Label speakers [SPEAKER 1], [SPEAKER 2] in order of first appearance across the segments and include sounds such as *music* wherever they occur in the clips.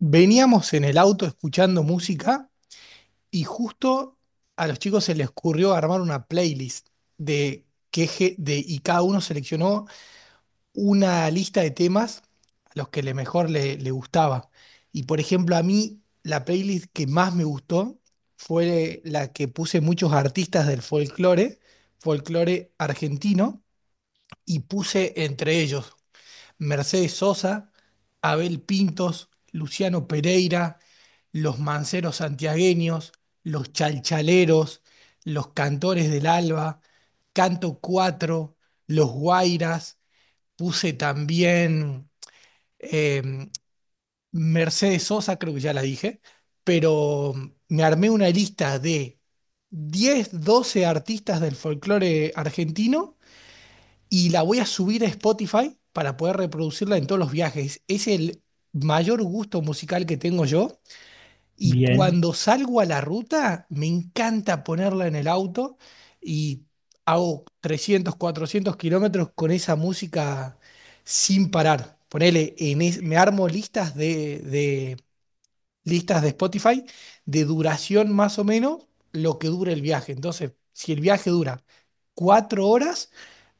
[SPEAKER 1] Veníamos en el auto escuchando música y justo a los chicos se les ocurrió armar una playlist de que ge- de y cada uno seleccionó una lista de temas a los que le mejor le gustaba. Y por ejemplo, a mí la playlist que más me gustó fue la que puse muchos artistas del folclore, folclore argentino, y puse entre ellos Mercedes Sosa, Abel Pintos, Luciano Pereira, los manceros santiagueños, los chalchaleros, los cantores del alba, Canto cuatro, los guairas, puse también eh, Mercedes Sosa, creo que ya la dije, pero me armé una lista de 10, 12 artistas del folclore argentino y la voy a subir a Spotify para poder reproducirla en todos los viajes. Es el mayor gusto musical que tengo yo y
[SPEAKER 2] Bien,
[SPEAKER 1] cuando salgo a la ruta me encanta ponerla en el auto y hago 300 400 kilómetros con esa música sin parar. Ponele, me armo listas de, Spotify de duración más o menos lo que dure el viaje. Entonces, si el viaje dura 4 horas,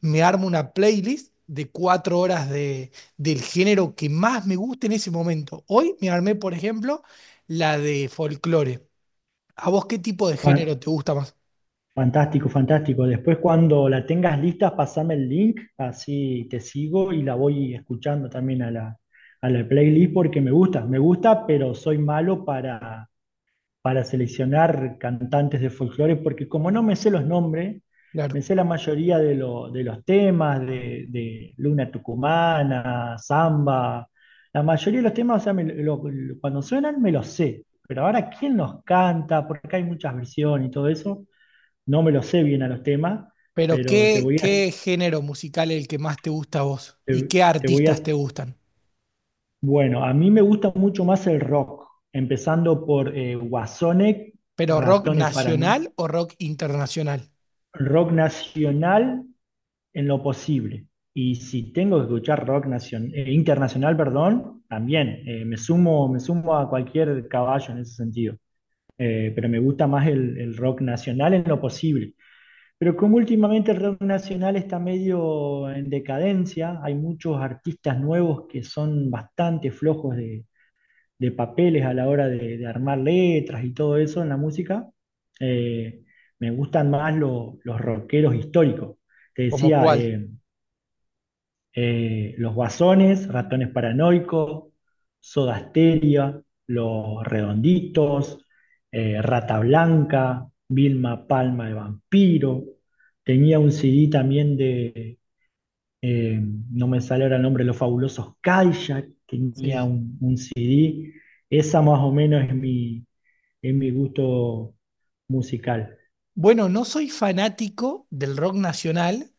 [SPEAKER 1] me armo una playlist de 4 horas del género que más me guste en ese momento. Hoy me armé, por ejemplo, la de folclore. ¿A vos qué tipo de género
[SPEAKER 2] fan-
[SPEAKER 1] te gusta más?
[SPEAKER 2] fantástico, fantástico. Después cuando la tengas lista, pasame el link, así te sigo y la voy escuchando también a la playlist porque me gusta, pero soy malo para seleccionar cantantes de folclore, porque como no me sé los nombres, me
[SPEAKER 1] Claro.
[SPEAKER 2] sé la mayoría de los temas, de Luna Tucumana, Samba, la mayoría de los temas, o sea, cuando suenan me los sé, pero ahora quién los canta, porque hay muchas versiones y todo eso, no me los sé bien a los temas,
[SPEAKER 1] Pero
[SPEAKER 2] pero te
[SPEAKER 1] ¿qué,
[SPEAKER 2] voy a,
[SPEAKER 1] qué género musical es el que más te gusta a vos? ¿Y qué
[SPEAKER 2] te voy a,
[SPEAKER 1] artistas te gustan?
[SPEAKER 2] bueno, a mí me gusta mucho más el rock, empezando por Guasone,
[SPEAKER 1] ¿Pero rock
[SPEAKER 2] Ratones Parano-
[SPEAKER 1] nacional o rock internacional?
[SPEAKER 2] rock nacional en lo posible. Y si tengo que escuchar internacional, perdón, también me sumo a cualquier caballo en ese sentido. Pero me gusta más el rock nacional en lo posible. Pero como últimamente el rock nacional está medio en decadencia, hay muchos artistas nuevos que son bastante flojos de papeles a la hora de armar letras y todo eso en la música. Eh, Me gustan más los rockeros históricos. Te
[SPEAKER 1] ¿Como
[SPEAKER 2] decía,
[SPEAKER 1] cuál?
[SPEAKER 2] los Guasones, Ratones Paranoicos, Soda Stereo, Los Redonditos, Rata Blanca, Vilma Palma de Vampiro. Tenía un CD también de eh, no me sale ahora el nombre, Los Fabulosos Cadillac, tenía
[SPEAKER 1] Sí.
[SPEAKER 2] un CD, esa más o menos es mi gusto musical.
[SPEAKER 1] Bueno, no soy fanático del rock nacional,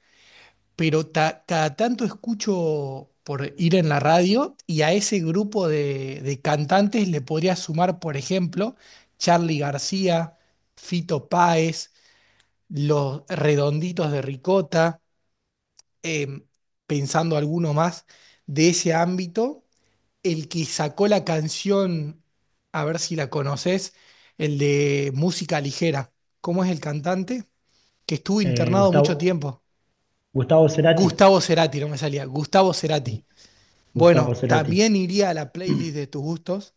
[SPEAKER 1] pero cada tanto escucho por ir en la radio y a ese grupo de cantantes le podría sumar, por ejemplo, Charly García, Fito Páez, Los Redonditos de Ricota, em, pensando alguno más de ese ámbito, el que sacó la canción, a ver si la conoces, el de Música Ligera. ¿Cómo es el cantante que estuvo internado mucho
[SPEAKER 2] Gustavo,
[SPEAKER 1] tiempo?
[SPEAKER 2] Gustavo Cerati,
[SPEAKER 1] Gustavo Cerati, no me salía. Gustavo Cerati. Bueno,
[SPEAKER 2] Gustavo Cerati.
[SPEAKER 1] también iría a la playlist
[SPEAKER 2] *clears throat*
[SPEAKER 1] de tus gustos.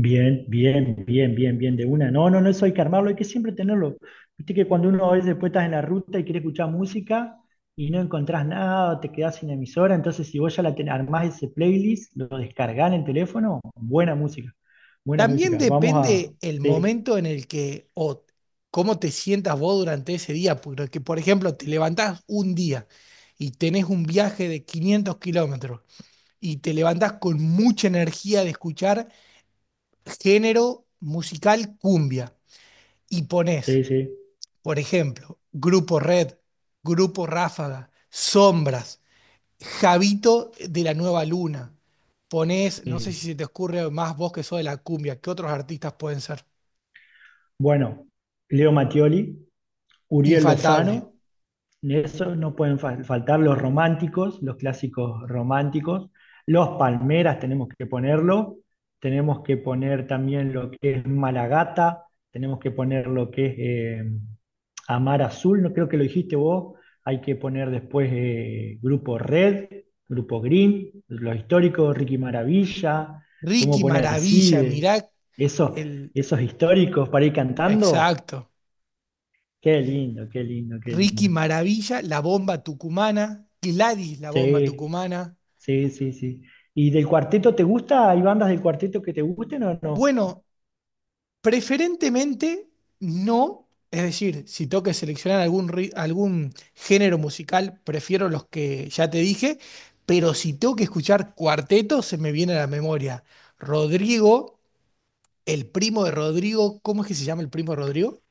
[SPEAKER 2] Bien, bien, bien, bien, bien, de una. No, no, no, eso hay que armarlo, hay que siempre tenerlo. Viste que cuando uno a veces puede estar en la ruta y quiere escuchar música y no encontrás nada, te quedás sin emisora, entonces si vos ya la armás ese playlist, lo descargás en el teléfono, buena música, buena
[SPEAKER 1] También
[SPEAKER 2] música. Vamos a...
[SPEAKER 1] depende el
[SPEAKER 2] Sí,
[SPEAKER 1] momento en el que o cómo te sientas vos durante ese día. Porque, por ejemplo, te levantás un día y tenés un viaje de 500 kilómetros y te levantás con mucha energía de escuchar género musical cumbia y pones,
[SPEAKER 2] sí, sí.
[SPEAKER 1] por ejemplo, Grupo Red, Grupo Ráfaga, Sombras, Javito de la Nueva Luna. Ponés, no sé si
[SPEAKER 2] Sí.
[SPEAKER 1] se te ocurre más vos que sos de la cumbia, ¿qué otros artistas pueden ser?
[SPEAKER 2] Bueno, Leo Mattioli, Uriel
[SPEAKER 1] Infaltable.
[SPEAKER 2] Lozano, de eso no pueden faltar los románticos, los clásicos románticos. Los palmeras tenemos que ponerlo. Tenemos que poner también lo que es Malagata. Tenemos que poner lo que es eh, Amar Azul. No creo que lo dijiste vos. Hay que poner después Grupo Red, Grupo Green, los históricos, Ricky Maravilla. Podemos
[SPEAKER 1] Ricky
[SPEAKER 2] poner el
[SPEAKER 1] Maravilla,
[SPEAKER 2] CIDE.
[SPEAKER 1] mirá
[SPEAKER 2] Esos,
[SPEAKER 1] el...
[SPEAKER 2] esos históricos para ir cantando.
[SPEAKER 1] Exacto.
[SPEAKER 2] Qué lindo, qué lindo, qué
[SPEAKER 1] Ricky
[SPEAKER 2] lindo.
[SPEAKER 1] Maravilla, La Bomba Tucumana, Gladys, La Bomba
[SPEAKER 2] Sí.
[SPEAKER 1] Tucumana.
[SPEAKER 2] Sí, sí, sí. ¿Y del cuarteto te gusta? ¿Hay bandas del cuarteto que te gusten o no?
[SPEAKER 1] Bueno, preferentemente no, es decir, si tengo que seleccionar algún género musical, prefiero los que ya te dije, pero si tengo que escuchar cuarteto, se me viene a la memoria Rodrigo, el primo de Rodrigo. ¿Cómo es que se llama el primo de Rodrigo?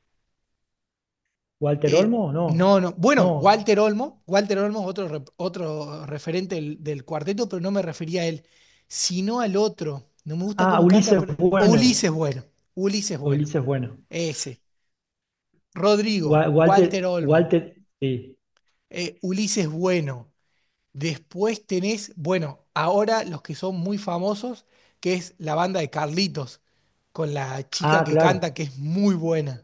[SPEAKER 2] ¿Walter
[SPEAKER 1] El,
[SPEAKER 2] Olmo? No.
[SPEAKER 1] no, no, bueno,
[SPEAKER 2] No.
[SPEAKER 1] Walter Olmo, Walter Olmo es otro, otro referente del cuarteto, pero no me refería a él, sino al otro. No me gusta
[SPEAKER 2] Ah,
[SPEAKER 1] cómo canta,
[SPEAKER 2] Ulises
[SPEAKER 1] pero o
[SPEAKER 2] Bueno.
[SPEAKER 1] Ulises Bueno, Ulises Bueno,
[SPEAKER 2] Ulises Bueno.
[SPEAKER 1] ese. Rodrigo,
[SPEAKER 2] Walter,
[SPEAKER 1] Walter Olmo,
[SPEAKER 2] Walter, sí.
[SPEAKER 1] Ulises Bueno. Después tenés, bueno, ahora los que son muy famosos, que es la banda de Carlitos, con la chica
[SPEAKER 2] Ah,
[SPEAKER 1] que
[SPEAKER 2] claro,
[SPEAKER 1] canta, que es muy buena.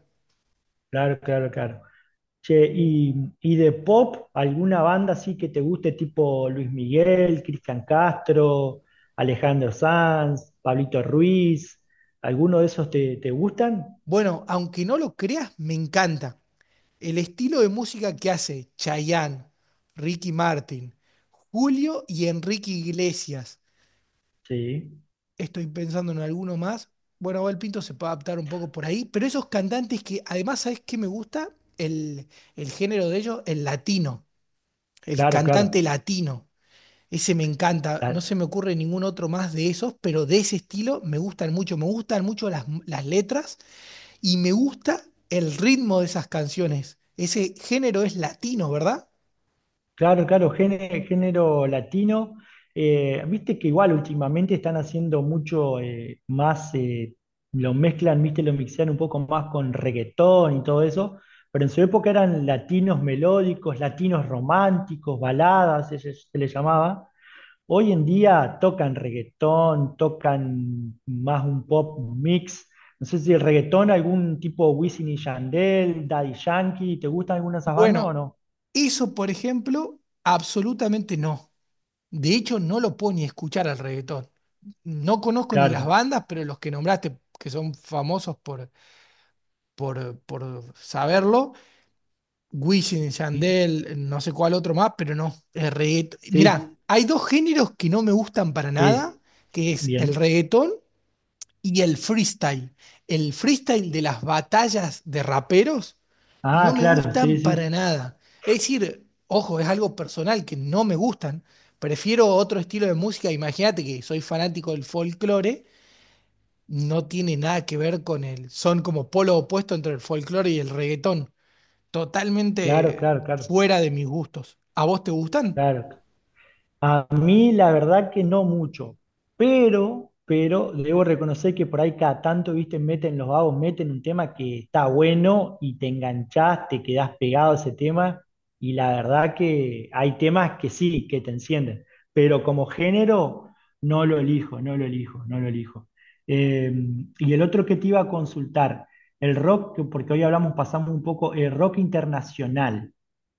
[SPEAKER 2] claro, claro, claro. Che, y de pop, ¿alguna banda así que te guste, tipo Luis Miguel, Cristian Castro, Alejandro Sanz, Pablito Ruiz? ¿Alguno de esos te, te gustan?
[SPEAKER 1] Bueno, aunque no lo creas, me encanta el estilo de música que hace Chayanne, Ricky Martin, Julio y Enrique Iglesias.
[SPEAKER 2] Sí,
[SPEAKER 1] Estoy pensando en alguno más. Bueno, Abel Pinto se puede adaptar un poco por ahí, pero esos cantantes que además, ¿sabes qué me gusta? El, el género de ellos, el latino, el
[SPEAKER 2] claro, claro.
[SPEAKER 1] cantante latino. Ese me encanta, no se me ocurre ningún otro más de esos, pero de ese estilo me gustan mucho las letras y me gusta el ritmo de esas canciones. Ese género es latino, ¿verdad?
[SPEAKER 2] Claro, claro, género, género latino. Viste que igual últimamente están haciendo mucho más, lo mezclan, viste, lo mixean un poco más con reggaetón y todo eso, pero en su época eran latinos melódicos, latinos románticos, baladas, se les llamaba. Hoy en día tocan reggaetón, tocan más un pop mix. No sé si el reggaetón, algún tipo Wisin y Yandel, Daddy Yankee, ¿te gustan alguna de esas bandas o
[SPEAKER 1] Bueno,
[SPEAKER 2] no?
[SPEAKER 1] eso por ejemplo, absolutamente no. De hecho, no lo puedo ni escuchar al reggaetón. No conozco ni las
[SPEAKER 2] Claro.
[SPEAKER 1] bandas, pero los que nombraste, que son famosos por, por saberlo, Wisin, Yandel, no sé cuál otro más, pero no. El reggaetón. Mirá,
[SPEAKER 2] Sí,
[SPEAKER 1] hay dos géneros que no me gustan para nada,
[SPEAKER 2] sí,
[SPEAKER 1] que es el
[SPEAKER 2] bien.
[SPEAKER 1] reggaetón y el freestyle. El freestyle de las batallas de raperos
[SPEAKER 2] Ah,
[SPEAKER 1] no me
[SPEAKER 2] claro, sí,
[SPEAKER 1] gustan para
[SPEAKER 2] sí,
[SPEAKER 1] nada. Es decir, ojo, es algo personal que no me gustan. Prefiero otro estilo de música. Imagínate que soy fanático del folclore, no tiene nada que ver con el, son como polo opuesto entre el folclore y el reggaetón,
[SPEAKER 2] claro,
[SPEAKER 1] totalmente
[SPEAKER 2] claro, claro,
[SPEAKER 1] fuera de mis gustos. ¿A vos te gustan?
[SPEAKER 2] claro, a mí la verdad que no mucho, pero debo reconocer que por ahí cada tanto, viste, meten los vagos, meten un tema que está bueno y te enganchás, te quedás pegado a ese tema y la verdad que hay temas que sí, que te encienden, pero como género no lo elijo, no lo elijo, no lo elijo. Eh, y el otro que te iba a consultar, el rock, porque hoy hablamos, pasamos un poco, el rock internacional.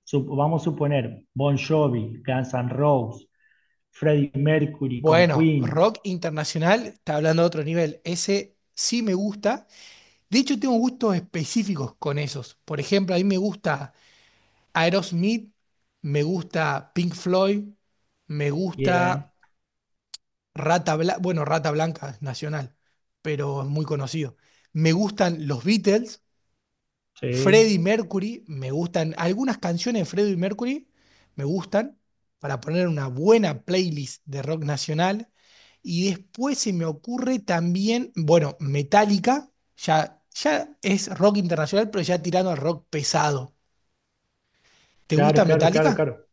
[SPEAKER 2] Vamos a suponer, Bon Jovi, Guns N' Roses, Freddie Mercury con
[SPEAKER 1] Bueno,
[SPEAKER 2] Queen.
[SPEAKER 1] rock internacional está hablando de otro nivel. Ese sí me gusta. De hecho, tengo gustos específicos con esos. Por ejemplo, a mí me gusta Aerosmith, me gusta Pink Floyd, me
[SPEAKER 2] Bien,
[SPEAKER 1] gusta Rata Blanca. Bueno, Rata Blanca es nacional, pero es muy conocido. Me gustan los Beatles.
[SPEAKER 2] sí.
[SPEAKER 1] Freddie Mercury, me gustan. Algunas canciones de Freddie Mercury me gustan para poner una buena playlist de rock nacional. Y después se me ocurre también, bueno, Metallica, ya es rock internacional, pero ya tirando al rock pesado. ¿Te
[SPEAKER 2] Claro,
[SPEAKER 1] gusta
[SPEAKER 2] claro, claro,
[SPEAKER 1] Metallica?
[SPEAKER 2] claro.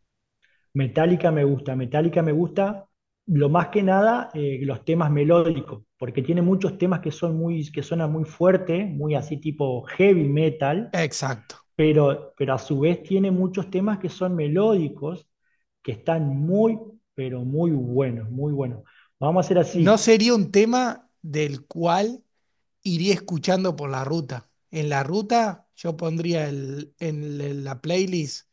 [SPEAKER 2] Metallica me gusta lo más que nada los temas melódicos, porque tiene muchos temas que son muy, que suenan muy fuerte, muy así tipo heavy metal,
[SPEAKER 1] Exacto.
[SPEAKER 2] pero a su vez tiene muchos temas que son melódicos, que están muy, pero muy buenos, muy buenos. Vamos a hacer
[SPEAKER 1] No
[SPEAKER 2] así,
[SPEAKER 1] sería un tema del cual iría escuchando por la ruta. En la ruta yo pondría en la playlist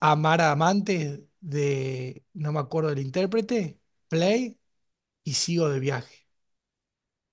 [SPEAKER 1] Amar a Amantes de, no me acuerdo del intérprete, Play y Sigo de Viaje.